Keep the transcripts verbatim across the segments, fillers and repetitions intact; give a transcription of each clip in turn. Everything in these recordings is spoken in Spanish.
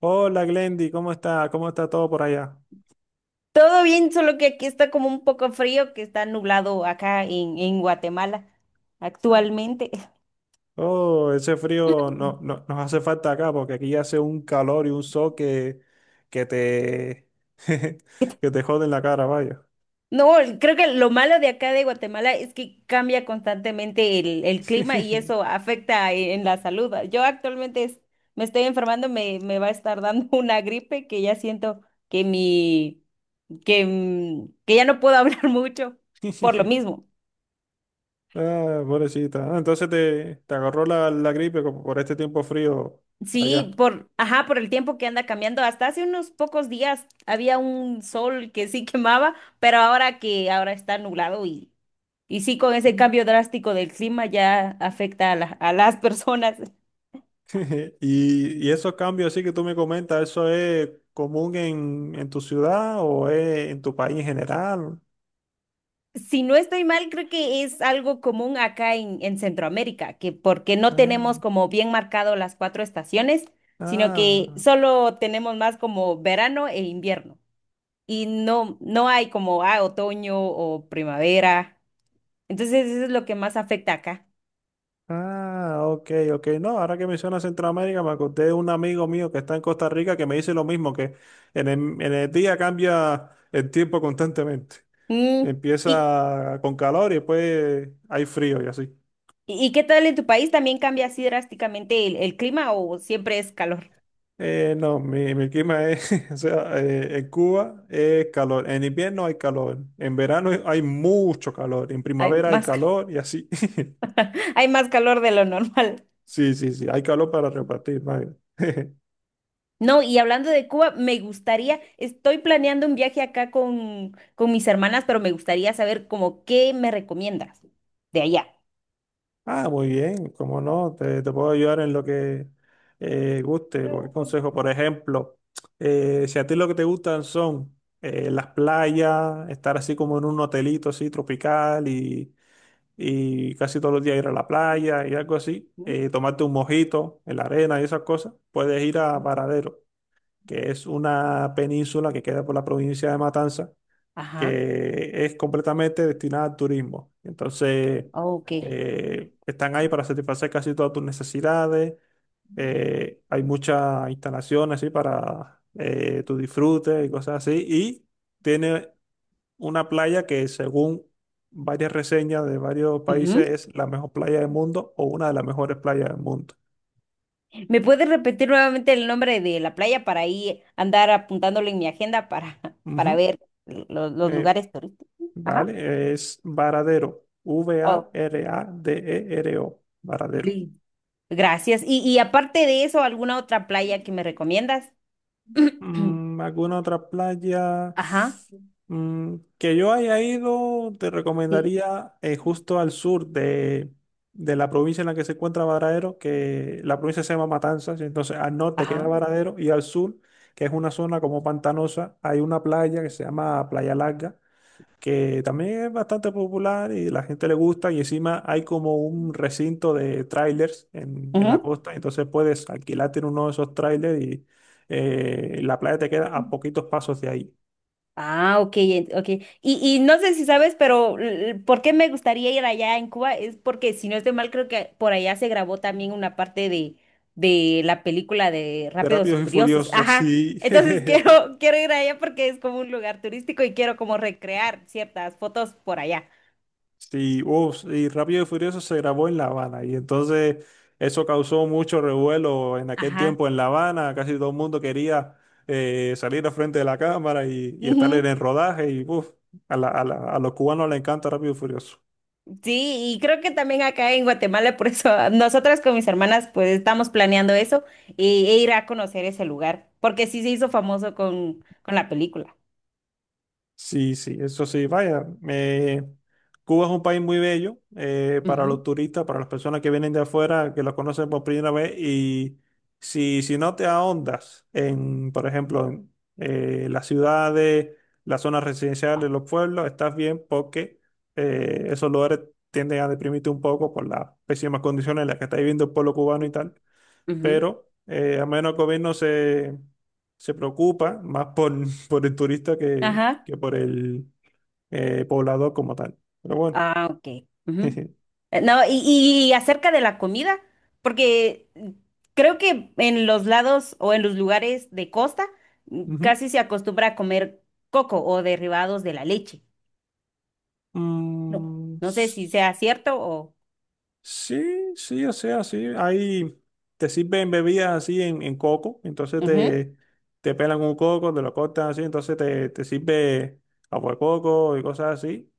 Hola Glendy, ¿cómo está? ¿Cómo está todo por allá? Todo bien, solo que aquí está como un poco frío, que está nublado acá en, en Guatemala Ah. actualmente. Oh, ese frío no, no- nos hace falta acá porque aquí hace un calor y un sol que, que te, que te jode en la cara, vaya. No, creo que lo malo de acá de Guatemala es que cambia constantemente el, el clima y eso afecta e- en la salud. Yo actualmente es- me estoy enfermando, me, me va a estar dando una gripe que ya siento que mi, que, mm, que ya no puedo hablar mucho por lo mismo. Ah, pobrecita. Ah, entonces te, te agarró la, la gripe como por este tiempo frío Sí, allá. por, ajá, por el tiempo que anda cambiando. Hasta hace unos pocos días había un sol que sí quemaba, pero ahora que ahora está nublado y, y sí, con ese cambio drástico del clima ya afecta a, la- a las personas. Y, y esos cambios así que tú me comentas, ¿eso es común en, en tu ciudad o es en tu país en general? Si no estoy mal, creo que es algo común acá en, en Centroamérica, que porque no Ah, tenemos como bien marcado las cuatro estaciones, sino ah. que solo tenemos más como verano e invierno. Y no, no hay como ah, otoño o primavera. Entonces, eso es lo que más afecta acá. Ah, ok, ok. No, ahora que mencionas Centroamérica, me acordé de un amigo mío que está en Costa Rica que me dice lo mismo, que en el, en el día cambia el tiempo constantemente. Mm. ¿Y, Empieza con calor y después hay frío y así. y qué tal en tu país? ¿También cambia así drásticamente el, el clima o siempre es calor? Eh, no, mi, mi clima es, o sea, eh, en Cuba es calor, en invierno hay calor, en verano hay mucho calor, en Hay primavera hay más, ca- calor y así. Hay más calor de lo normal. Sí, sí, sí, hay calor para repartir, vaya. No, y hablando de Cuba, me gustaría, estoy planeando un viaje acá con, con mis hermanas, pero me gustaría saber como qué me recomiendas de allá. Ah, muy bien, cómo no, te, te puedo ayudar en lo que eh, guste, cualquier No, Juan. consejo. Por ejemplo, eh, si a ti lo que te gustan son eh, las playas, estar así como en un hotelito así tropical y, y casi todos los días ir a la playa y algo así, ¿Mm? eh, tomarte un mojito en la arena y esas cosas, puedes ir a Varadero, que es una península que queda por la provincia de Matanza, Ajá. que es completamente destinada al turismo. Entonces, Ah, ok. eh, están ahí para satisfacer casi todas tus necesidades. Eh, hay muchas instalaciones así para eh, tu disfrute y cosas así. Y tiene una playa que, según varias reseñas de varios países, es la mejor playa del mundo o una de las mejores playas del mundo. ¿Me puedes repetir nuevamente el nombre de la playa para ahí andar apuntándolo en mi agenda para, para Ujú. ver los, los Eh, lugares turísticos? Ajá. vale, es Varadero. Oh, V A R A D E R O. Varadero. li- gracias. Y, y aparte de eso, ¿alguna otra playa que me recomiendas? Mm, ¿alguna otra playa? Ajá, Mm, que yo haya ido, te sí, recomendaría eh, justo al sur de, de la provincia en la que se encuentra Varadero, que la provincia se llama Matanzas; entonces al norte queda ajá. Varadero y al sur, que es una zona como pantanosa, hay una playa que se llama Playa Larga, que también es bastante popular y la gente le gusta, y encima hay como un recinto de trailers en, en la Ujú. costa, entonces puedes alquilarte en uno de esos trailers y eh, la playa te queda a poquitos pasos de ahí. Ah, ok, en- ok. Y, y no sé si sabes, pero l- ¿por qué me gustaría ir allá en Cuba? Es porque, si no estoy mal, creo que por allá se grabó también una parte de, de la película de De Rápidos y Rápidos y Furiosos. Furiosos, Ajá. sí. Entonces quiero, quiero ir allá porque es como un lugar turístico y quiero como recrear ciertas fotos por allá. Sí, uf, y Rápido y Furioso se grabó en La Habana y entonces eso causó mucho revuelo en aquel Ajá. tiempo en La Habana, casi todo el mundo quería eh, salir al frente de la cámara y, y estar Ujú. en el rodaje y uf, a, la- a la- a los cubanos les encanta Rápido y Furioso. Sí, y creo que también acá en Guatemala, por eso nosotras con mis hermanas pues estamos planeando eso e, e ir a conocer ese lugar, porque sí se hizo famoso con, con la película. Sí, sí, eso sí, vaya. eh, Cuba es un país muy bello eh, para Ujú, los turistas, para las personas que vienen de afuera, que lo conocen por primera vez. Y si, si no te ahondas en, por ejemplo, en eh, las ciudades, las zonas residenciales, los pueblos, estás bien porque eh, esos lugares tienden a deprimirte un poco por las pésimas condiciones en las que está viviendo el pueblo cubano y tal, ujú. pero eh, al menos el gobierno se, se preocupa más por, por el turista que, Ajá. que por el eh, poblador como tal. Pero bueno. Ah, ok. Ujú. Eh, No, y, y acerca de la comida, porque mm, creo que en los lados o en los lugares de costa mm, Ujú. casi se acostumbra a comer coco o derivados de la leche. No, Mm, no sé si sea cierto o. sí, sí, o sea, sí. Ahí te sirven bebidas así en en coco, entonces Ujú. te, te pelan un coco, te lo cortan así, entonces te, te sirve agua de coco y cosas así.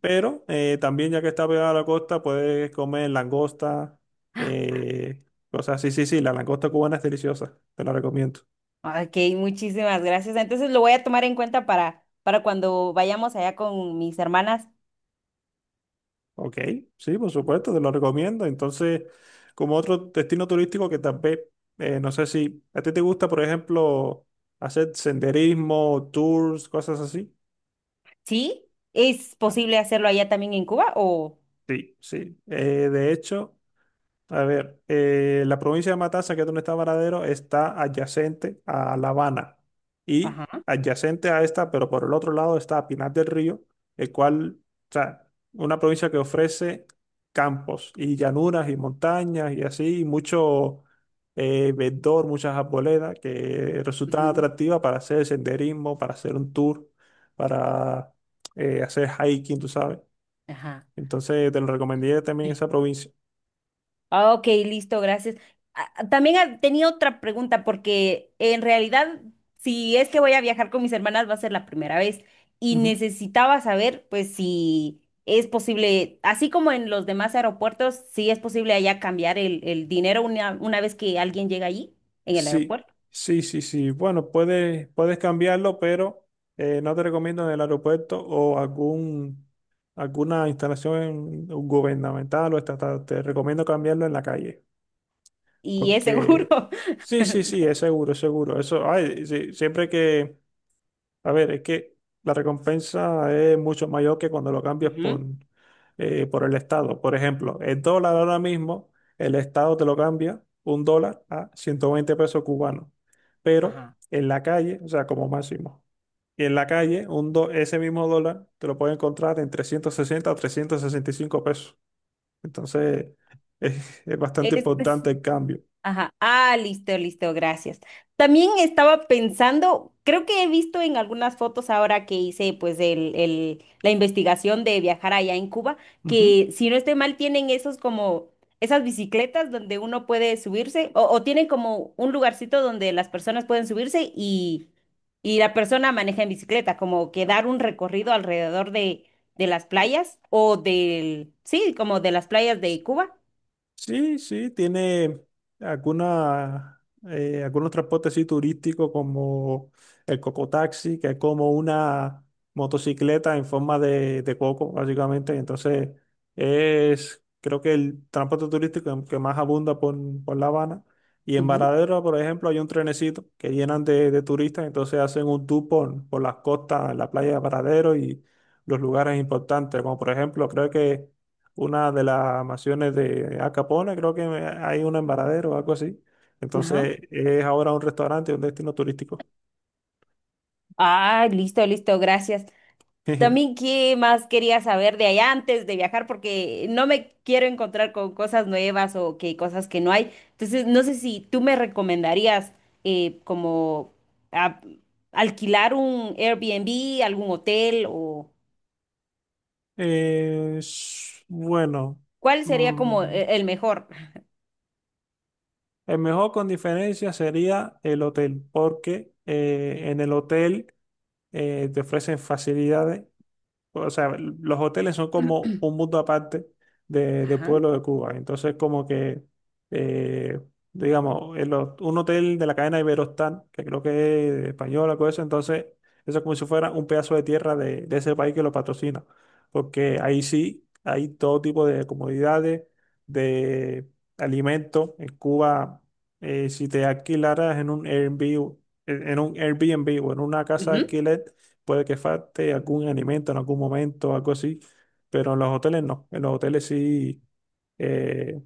Pero eh, también, ya que está pegada a la costa, puedes comer langosta, eh, cosas así. Sí, sí, la langosta cubana es deliciosa, te la recomiendo. Ok, muchísimas gracias. Entonces lo voy a tomar en cuenta para, para cuando vayamos allá con mis hermanas. Ok, sí, por supuesto, te lo recomiendo. Entonces, como otro destino turístico que tal vez, eh, no sé si a ti te gusta, por ejemplo, hacer senderismo, tours, cosas así. ¿Sí? ¿Es Ah, posible hacerlo allá también en Cuba o? sí, sí. Eh, de hecho, a ver, eh, la provincia de Matanza, que es donde está Varadero, está adyacente a La Habana y Ajá. adyacente a esta, pero por el otro lado está Pinar del Río, el cual, o sea, una provincia que ofrece campos y llanuras y montañas y así, y mucho eh, verdor, muchas arboledas que resultan Ujú. atractivas para hacer senderismo, para hacer un tour, para eh, hacer hiking, tú sabes. Ajá. Entonces, te lo recomendé también esa provincia. Ah, ok, listo, gracias. Ah, ah, También ah, tenía otra pregunta porque en realidad, si es que voy a viajar con mis hermanas, va a ser la primera vez y Ujú. necesitaba saber, pues, si es posible, así como en los demás aeropuertos, si es posible allá cambiar el, el dinero una, una vez que alguien llega allí, en el Sí, aeropuerto, sí, sí, sí. Bueno, puedes, puedes cambiarlo, pero eh, no te recomiendo en el aeropuerto o algún, alguna instalación gubernamental o estatal. Te recomiendo cambiarlo en la calle. y es seguro. Porque sí, sí, sí, es seguro, es seguro. Eso, ay, sí, siempre que, a ver, es que la recompensa es mucho mayor que cuando lo cambias Ujú. por, eh, por el Estado. Por ejemplo, el dólar ahora mismo, el Estado te lo cambia un dólar a ciento veinte pesos cubanos, pero Ajá. en la calle, o sea, como máximo. Y en la calle, un do- ese mismo dólar te lo puede encontrar en trescientos sesenta o trescientos sesenta y cinco pesos. Entonces, es, es bastante Es, importante el cambio. Ajá. Ah, listo, listo, gracias. También estaba pensando, creo que he visto en algunas fotos ahora que hice pues el, el- la investigación de viajar allá en Cuba, que si no estoy mal tienen esos como esas bicicletas donde uno puede subirse o, o tienen como un lugarcito donde las personas pueden subirse y, y la persona maneja en bicicleta, como que dar un recorrido alrededor de, de las playas o del, sí, como de las playas de Cuba. Sí, sí, tiene alguna, eh, algunos transportes así turísticos como el cocotaxi, que es como una motocicleta en forma de, de coco, básicamente. Entonces, es creo que el transporte turístico que más abunda por, por La Habana. Y en Ujú. Varadero, por ejemplo, hay un trenecito que llenan de, de turistas, entonces hacen un tour por, por las costas, la playa de Varadero y los lugares importantes, como por ejemplo, creo que una de las mansiones de Al Capone. Creo que hay una en Varadero o algo así. Ajá. Entonces es ahora un restaurante, un destino turístico. Ah, listo, listo, gracias. También, ¿qué más quería saber de allá antes de viajar? Porque no me quiero encontrar con cosas nuevas o que cosas que no hay. Entonces, no sé si tú me recomendarías eh, como a- alquilar un Airbnb, algún hotel o Eh, s- bueno, cuál sería como mm, e- el mejor. el mejor con diferencia sería el hotel, porque eh, en el hotel eh, te ofrecen facilidades, o sea, los hoteles son como un mundo aparte de, de Ajá. pueblo de Cuba. Entonces, como que, eh, digamos, en los- un hotel de la cadena Iberostar, que creo que es española, cosa eso, entonces, eso es como si fuera un pedazo de tierra de, de ese país que lo patrocina. Porque ahí sí hay todo tipo de comodidades, de alimentos. En Cuba, eh, si te alquilaras en un Airbnb, en en un Airbnb o en una casa de alquiler, puede que falte algún alimento en algún momento, algo así, pero en los hoteles no. En los hoteles sí, eh,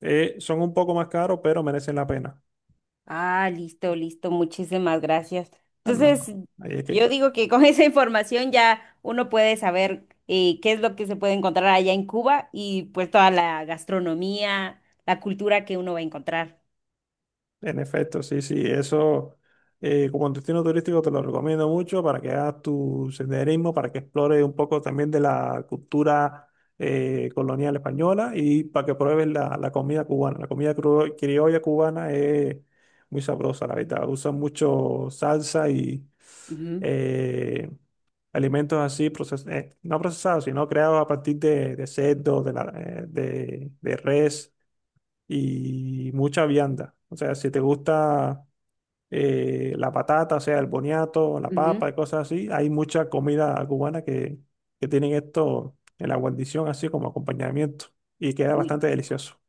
eh, son un poco más caros, pero merecen la pena. Ah, listo, listo, muchísimas gracias. Ah, no, Entonces, no, ahí es yo que. digo que con esa información ya uno puede saber eh, qué es lo que se puede encontrar allá en Cuba y pues toda la gastronomía, la cultura que uno va a encontrar. En efecto, sí, sí, eso eh, como destino turístico te lo recomiendo mucho para que hagas tu senderismo, para que explores un poco también de la cultura eh, colonial española y para que pruebes la, la comida cubana. La comida cru- criolla cubana es muy sabrosa, la verdad. Usan mucho salsa y Ujú, eh, alimentos así, proces- eh, no procesados, sino creados a partir de, de cerdo, de, la- eh, de de res y mucha vianda. O sea, si te gusta eh, la patata, o sea, el boniato, la papa ujú. y cosas así, hay mucha comida cubana que, que tienen esto en la guarnición así como acompañamiento, y queda Uy, bastante qué rico. delicioso.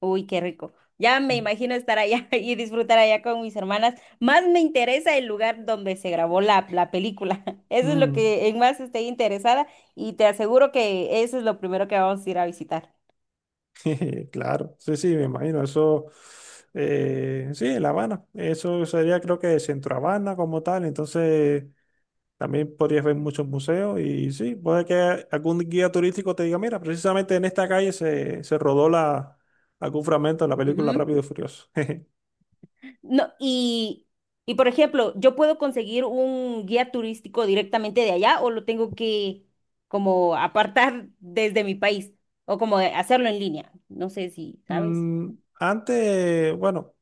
Uy, qué rico. Ya me imagino estar allá y disfrutar allá con mis hermanas. Más me interesa el lugar donde se grabó la, la película. Eso es lo Mm. que en más estoy interesada y te aseguro que eso es lo primero que vamos a ir a visitar. Jeje, claro, sí, sí, me imagino, eso, eh, sí, en La Habana, eso sería, creo que Centro Habana como tal, entonces también podrías ver muchos museos, y sí, puede que algún guía turístico te diga, mira, precisamente en esta calle se, se rodó la, algún fragmento de la película Ujú. Rápido y Furioso. No, y, y por ejemplo, ¿yo puedo conseguir un guía turístico directamente de allá o lo tengo que como apartar desde mi país o como hacerlo en línea? No sé si sabes. Mm, Antes, bueno,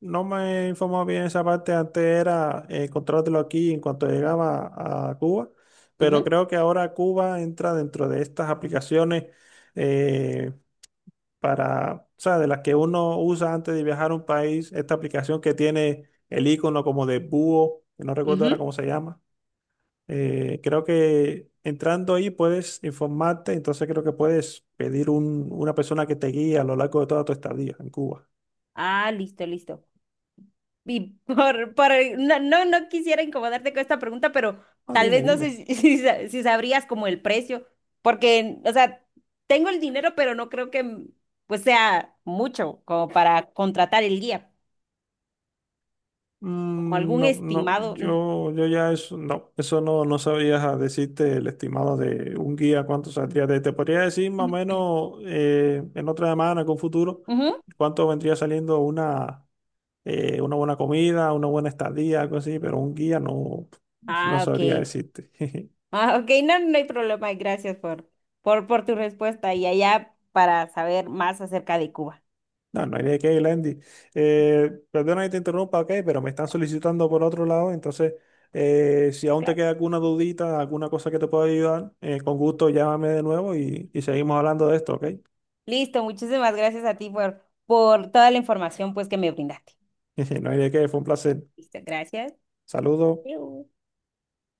no me informaba bien esa parte, antes era eh, encontrártelo aquí en cuanto llegaba a Cuba, pero Ujú, creo que ahora Cuba entra dentro de estas aplicaciones, eh, para, o sea, de las que uno usa antes de viajar a un país, esta aplicación que tiene el icono como de búho, que no recuerdo ahora ujú. cómo se llama. Eh, creo que entrando ahí puedes informarte, entonces creo que puedes pedir un, una persona que te guíe a lo largo de toda tu estadía en Cuba. Ah, listo, listo. Y por, por- no, no, no quisiera incomodarte con esta pregunta, pero Ah, tal dime, vez no sé dime. si, si sa- si sabrías como el precio, porque, o sea, tengo el dinero, pero no creo que pues sea mucho como para contratar el guía. Como Mm, algún no, no, estimado. yo, yo ya eso, no, eso no, no sabría decirte el estimado de un guía cuánto saldría. Te, te podría decir más o Ujú. menos, eh, en otra semana, con futuro, Ujú. cuánto vendría saliendo una, eh, una buena comida, una buena estadía, algo así, pero un guía no, no Ah, ok. sabría decirte. Ah, ok, no, no hay problema. y Gracias por, por, por tu respuesta y allá para saber más acerca de Cuba. No, no hay de qué, Glendy. Eh, perdona que te interrumpa, ok, pero me están solicitando por otro lado, entonces eh, si aún te Claro. queda alguna dudita, alguna cosa que te pueda ayudar, eh, con gusto llámame de nuevo y, y seguimos hablando de esto, ok. Listo, muchísimas gracias a ti por, por toda la información pues que me brindaste. No hay de qué, fue un placer. Listo, gracias. Saludos. Adiós.